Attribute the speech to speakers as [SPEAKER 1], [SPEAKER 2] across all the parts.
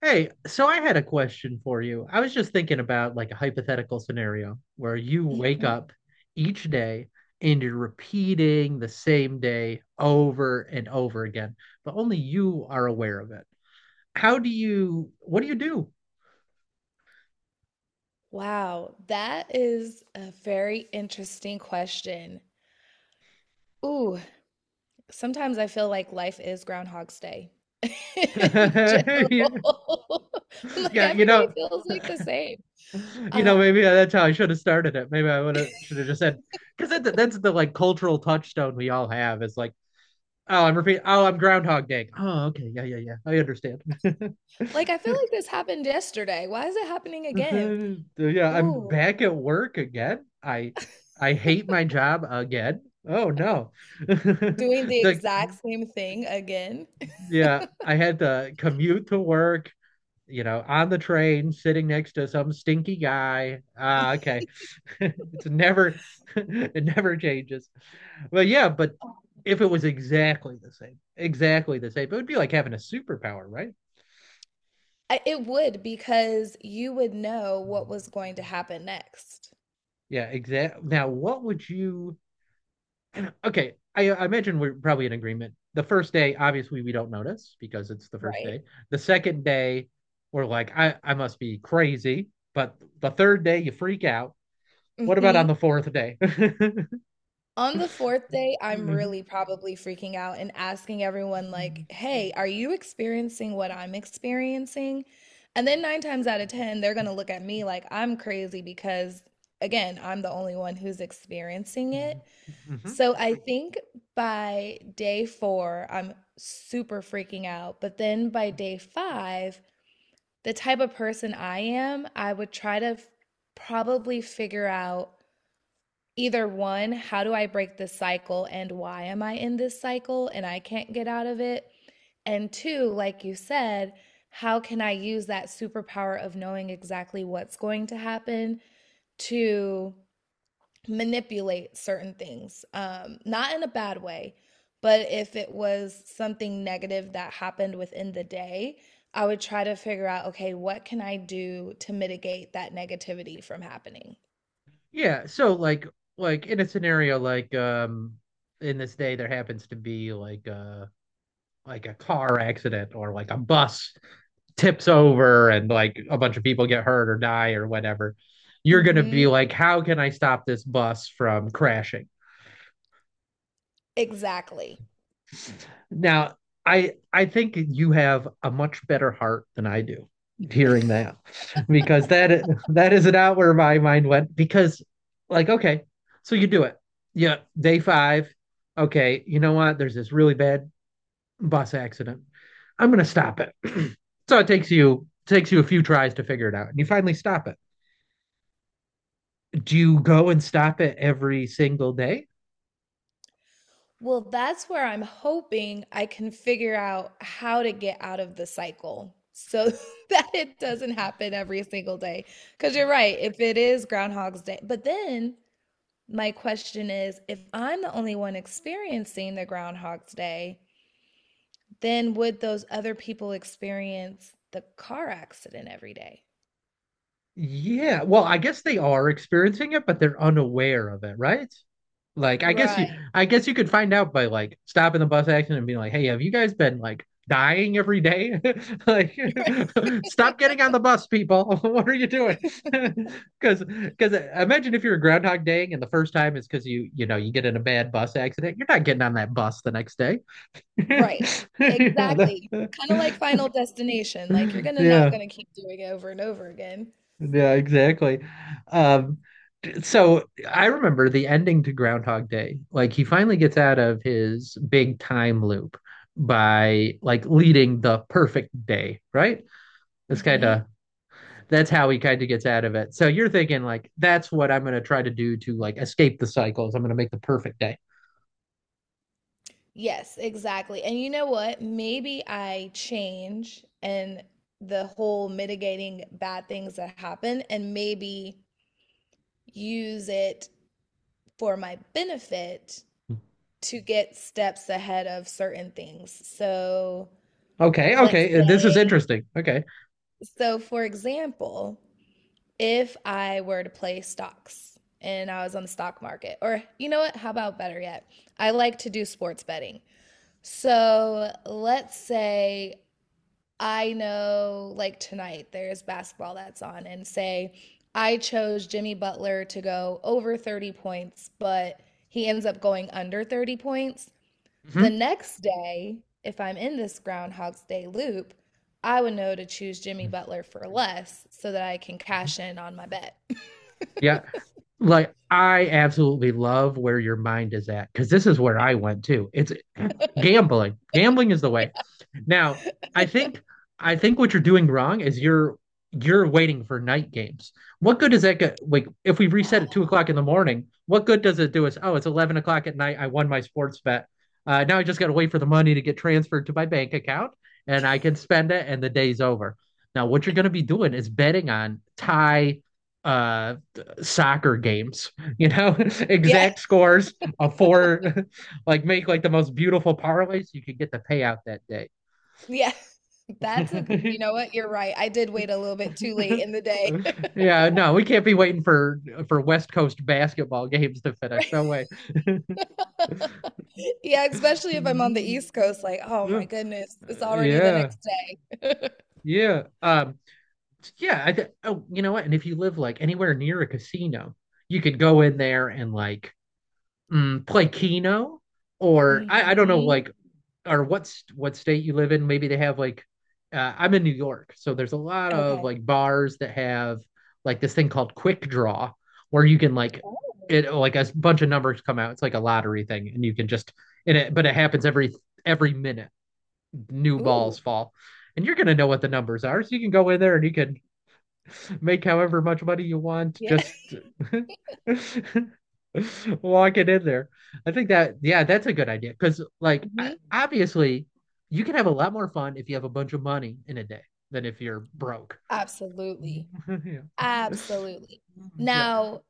[SPEAKER 1] Hey, so I had a question for you. I was just thinking about like a hypothetical scenario where you wake
[SPEAKER 2] Mhm.
[SPEAKER 1] up each day and you're repeating the same day over and over again, but only you are aware of it. How do you, what do you
[SPEAKER 2] Wow, that is a very interesting question. Ooh, sometimes I feel like life is Groundhog's Day in
[SPEAKER 1] do?
[SPEAKER 2] general. Like
[SPEAKER 1] Yeah, you
[SPEAKER 2] every day
[SPEAKER 1] know,
[SPEAKER 2] feels like the same. Um,
[SPEAKER 1] maybe that's how I should have started it. Maybe I would have should have just said, because that's the like cultural touchstone we all have is like, oh, I'm repeating, oh, I'm Groundhog Day. Oh, okay, yeah, yeah, yeah, I understand.
[SPEAKER 2] like I feel like this happened yesterday. Why is it happening again?
[SPEAKER 1] Yeah, I'm
[SPEAKER 2] Ooh,
[SPEAKER 1] back at work again. I hate my job again. Oh no.
[SPEAKER 2] doing the
[SPEAKER 1] The
[SPEAKER 2] exact same thing again.
[SPEAKER 1] yeah, I had to commute to work, you know, on the train, sitting next to some stinky guy. Ah, okay. It's never it never changes. But yeah, but if it was exactly the same, it would be like having a superpower, right?
[SPEAKER 2] I it would, because you would know what
[SPEAKER 1] Mhm.
[SPEAKER 2] was going to happen next,
[SPEAKER 1] Yeah, exact. Now, what would you okay, I imagine we're probably in agreement. The first day, obviously, we don't notice because it's the first
[SPEAKER 2] right?
[SPEAKER 1] day. The second day, we're like, I must be crazy. But the third day, you freak out. What about on
[SPEAKER 2] Mhm.
[SPEAKER 1] the fourth day?
[SPEAKER 2] On the 4th day, I'm
[SPEAKER 1] hmm.
[SPEAKER 2] really probably freaking out and asking everyone like, "Hey, are you experiencing what I'm experiencing?" And then 9 times out of 10, they're going to look at me like I'm crazy, because again, I'm the only one who's experiencing it. So I think by day 4, I'm super freaking out, but then by day 5, the type of person I am, I would try to probably figure out either one, how do I break this cycle, and why am I in this cycle and I can't get out of it? And two, like you said, how can I use that superpower of knowing exactly what's going to happen to manipulate certain things, not in a bad way, but if it was something negative that happened within the day, I would try to figure out, okay, what can I do to mitigate that negativity from happening?
[SPEAKER 1] Yeah, so like in a scenario like in this day there happens to be like a car accident or like a bus tips over and like a bunch of people get hurt or die or whatever, you're going to
[SPEAKER 2] Hmm.
[SPEAKER 1] be like, how can I stop this bus from crashing?
[SPEAKER 2] Exactly.
[SPEAKER 1] Now, I think you have a much better heart than I do hearing that because that is not where my mind went because like okay, so you do it, yeah, day 5, okay, you know what, there's this really bad bus accident, I'm going to stop it. so it takes you a few tries to figure it out and you finally stop it. Do you go and stop it every single day?
[SPEAKER 2] Well, that's where I'm hoping I can figure out how to get out of the cycle so that it doesn't happen every single day. Because you're right, if it is Groundhog's Day, but then my question is, if I'm the only one experiencing the Groundhog's Day, then would those other people experience the car accident every day?
[SPEAKER 1] Yeah. Well, I guess they are experiencing it, but they're unaware of it, right? Like,
[SPEAKER 2] Right,
[SPEAKER 1] I guess you could find out by like stopping the bus accident and being like, "Hey, have you guys been like dying every day? Like, stop getting on the bus, people. What are you doing?" Because, imagine if you're a Groundhog Day and the first time is because you know, you get in a bad bus accident, you're not getting on that bus the next day.
[SPEAKER 2] right.
[SPEAKER 1] Yeah.
[SPEAKER 2] Exactly.
[SPEAKER 1] That-
[SPEAKER 2] Kind of like Final Destination. Like you're gonna not
[SPEAKER 1] yeah.
[SPEAKER 2] gonna keep doing it over and over again.
[SPEAKER 1] Yeah, exactly. Um, so I remember the ending to Groundhog Day. Like he finally gets out of his big time loop by like leading the perfect day, right? It's kind
[SPEAKER 2] Hmm.
[SPEAKER 1] of that's how he kind of gets out of it. So you're thinking like that's what I'm going to try to do to like escape the cycles. I'm going to make the perfect day.
[SPEAKER 2] Yes, exactly. And you know what? Maybe I change and the whole mitigating bad things that happen, and maybe use it for my benefit to get steps ahead of certain things. So,
[SPEAKER 1] Okay,
[SPEAKER 2] let's
[SPEAKER 1] okay, this is
[SPEAKER 2] say,
[SPEAKER 1] interesting. Okay.
[SPEAKER 2] so for example, if I were to play stocks and I was on the stock market, or you know what, how about better yet? I like to do sports betting. So let's say I know, like tonight, there's basketball that's on, and say I chose Jimmy Butler to go over 30 points, but he ends up going under 30 points. The
[SPEAKER 1] Hmm.
[SPEAKER 2] next day, if I'm in this Groundhog's Day loop, I would know to choose Jimmy Butler for less so that I can cash in on my bet.
[SPEAKER 1] Yeah. Like I absolutely love where your mind is at because this is where I went to. It's gambling. Gambling is the way. Now, I think I think what you're doing wrong is you're waiting for night games. What good does that get? Like if we reset at 2 o'clock in the morning, what good does it do us? Oh, it's 11 o'clock at night. I won my sports bet. Now I just got to wait for the money to get transferred to my bank account, and I can spend it, and the day's over. Now, what you're going to be doing is betting on tie uh soccer games, you know,
[SPEAKER 2] Yeah,
[SPEAKER 1] exact scores of four, like make like the most beautiful parlays you could get the payout that day.
[SPEAKER 2] yeah. That's a, you know what? You're right. I did wait a little bit too late in the day.
[SPEAKER 1] Yeah, no, we can't be waiting for West Coast basketball games to finish.
[SPEAKER 2] Right.
[SPEAKER 1] No way.
[SPEAKER 2] Yeah, especially if I'm on the East Coast, like, oh
[SPEAKER 1] Yeah,
[SPEAKER 2] my goodness, it's already the
[SPEAKER 1] yeah,
[SPEAKER 2] next day.
[SPEAKER 1] yeah. Yeah. I th oh, you know what? And if you live like anywhere near a casino, you could go in there and like play Keno or I don't know
[SPEAKER 2] Hmm.
[SPEAKER 1] like or what's what state you live in. Maybe they have like I'm in New York, so there's a lot of
[SPEAKER 2] Okay.
[SPEAKER 1] like bars that have like this thing called Quick Draw where you can like
[SPEAKER 2] Oh.
[SPEAKER 1] it like a bunch of numbers come out. It's like a lottery thing, and you can just and it but it happens every minute. New balls
[SPEAKER 2] Ooh.
[SPEAKER 1] fall, and you're gonna know what the numbers are, so you can go in there and you can make however much money you want.
[SPEAKER 2] Yeah.
[SPEAKER 1] Just walk it in there. I think that, yeah, that's a good idea. Because, like, I,
[SPEAKER 2] Hmm.
[SPEAKER 1] obviously, you can have a lot more fun if you have a bunch of money in a day than if you're broke.
[SPEAKER 2] Absolutely. Absolutely.
[SPEAKER 1] Yeah.
[SPEAKER 2] Now,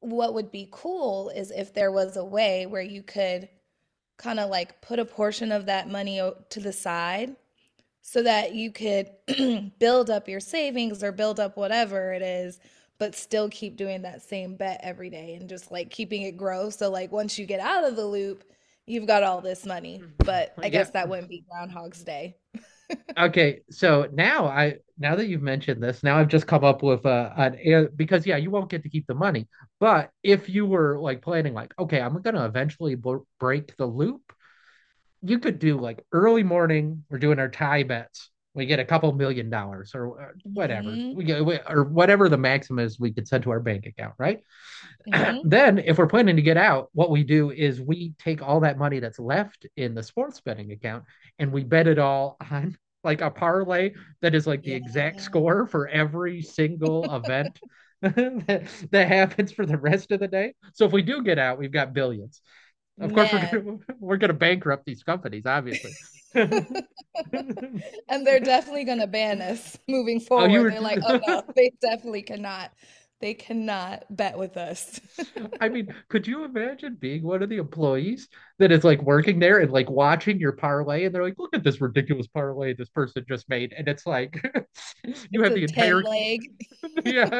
[SPEAKER 2] what would be cool is if there was a way where you could kind of like put a portion of that money to the side so that you could build up your savings or build up whatever it is, but still keep doing that same bet every day and just like keeping it grow. So, like, once you get out of the loop, you've got all this money.
[SPEAKER 1] Yeah.
[SPEAKER 2] But I guess that
[SPEAKER 1] Yeah.
[SPEAKER 2] wouldn't be Groundhog's Day.
[SPEAKER 1] Okay. So now that you've mentioned this, now I've just come up with an air because yeah, you won't get to keep the money. But if you were like planning like, okay, I'm gonna eventually b break the loop, you could do like early morning. We're doing our tie bets. We get a couple $1 million or whatever
[SPEAKER 2] Mhm,
[SPEAKER 1] we get, or whatever the maximum is we could send to our bank account, right?
[SPEAKER 2] mhm.
[SPEAKER 1] then, if we're planning to get out, what we do is we take all that money that's left in the sports betting account and we bet it all on like a parlay that is like the
[SPEAKER 2] Yeah.
[SPEAKER 1] exact score for every single event that, that happens for the rest of the day. So if we do get out, we've got billions. Of course, we're
[SPEAKER 2] Man.
[SPEAKER 1] gonna we're gonna bankrupt these companies, obviously. oh,
[SPEAKER 2] And they're definitely going to ban us moving
[SPEAKER 1] you
[SPEAKER 2] forward.
[SPEAKER 1] were.
[SPEAKER 2] They're like, "Oh no, they definitely cannot. They cannot bet with us."
[SPEAKER 1] I mean, could you imagine being one of the employees that is like working there and like watching your parlay, and they're like, "Look at this ridiculous parlay this person just made," and it's like, you
[SPEAKER 2] It's
[SPEAKER 1] have
[SPEAKER 2] a
[SPEAKER 1] the
[SPEAKER 2] 10
[SPEAKER 1] entire
[SPEAKER 2] leg.
[SPEAKER 1] yeah,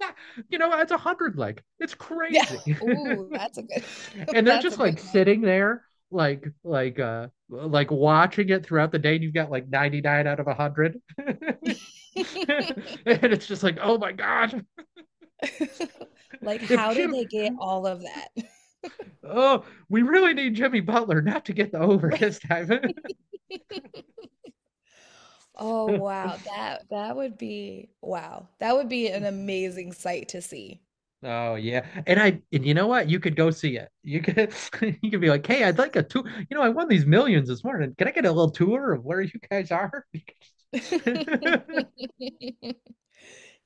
[SPEAKER 1] yeah, you know, it's a hundred leg. It's
[SPEAKER 2] Yeah.
[SPEAKER 1] crazy,
[SPEAKER 2] Ooh, that's a good
[SPEAKER 1] and they're
[SPEAKER 2] that's a
[SPEAKER 1] just
[SPEAKER 2] good
[SPEAKER 1] like
[SPEAKER 2] one.
[SPEAKER 1] sitting there like watching it throughout the day and you've got like 99 out of 100, and it's just like, oh my God,
[SPEAKER 2] Like,
[SPEAKER 1] if
[SPEAKER 2] how did
[SPEAKER 1] Jim,
[SPEAKER 2] they get all of that?
[SPEAKER 1] oh, we really need Jimmy Butler not to get the over this time.
[SPEAKER 2] Oh,
[SPEAKER 1] oh
[SPEAKER 2] wow. That that would be wow. That would be an amazing sight to see.
[SPEAKER 1] yeah, and I, and you know what? You could go see it. You could, you could be like, hey, I'd like a tour. You know, I won these millions this morning. Can I get a little tour of where you guys are?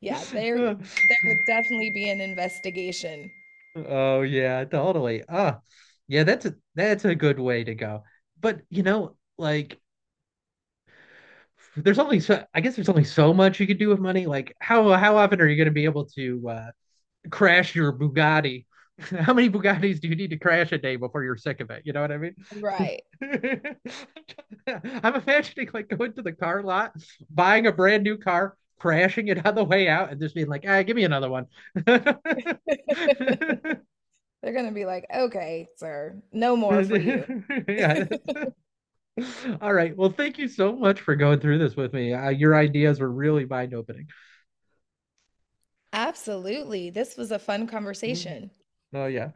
[SPEAKER 2] Yeah, there would definitely be an investigation.
[SPEAKER 1] oh yeah, totally. Ah, oh, yeah, that's a good way to go. But you know, like there's only so I guess there's only so much you could do with money. Like how often are you going to be able to crash your Bugatti? How many Bugattis do you need to crash a day before you're sick of it? You know what I mean?
[SPEAKER 2] Right.
[SPEAKER 1] I'm imagining like going to the car lot, buying a brand new car, crashing it on the way out, and just being like, "Ah, give me another one."
[SPEAKER 2] They're
[SPEAKER 1] Yeah.
[SPEAKER 2] gonna be like, okay, sir, no more for you.
[SPEAKER 1] That's- all right. Well, thank you so much for going through this with me. Your ideas were really mind-opening.
[SPEAKER 2] Absolutely. This was a fun conversation.
[SPEAKER 1] Oh yeah.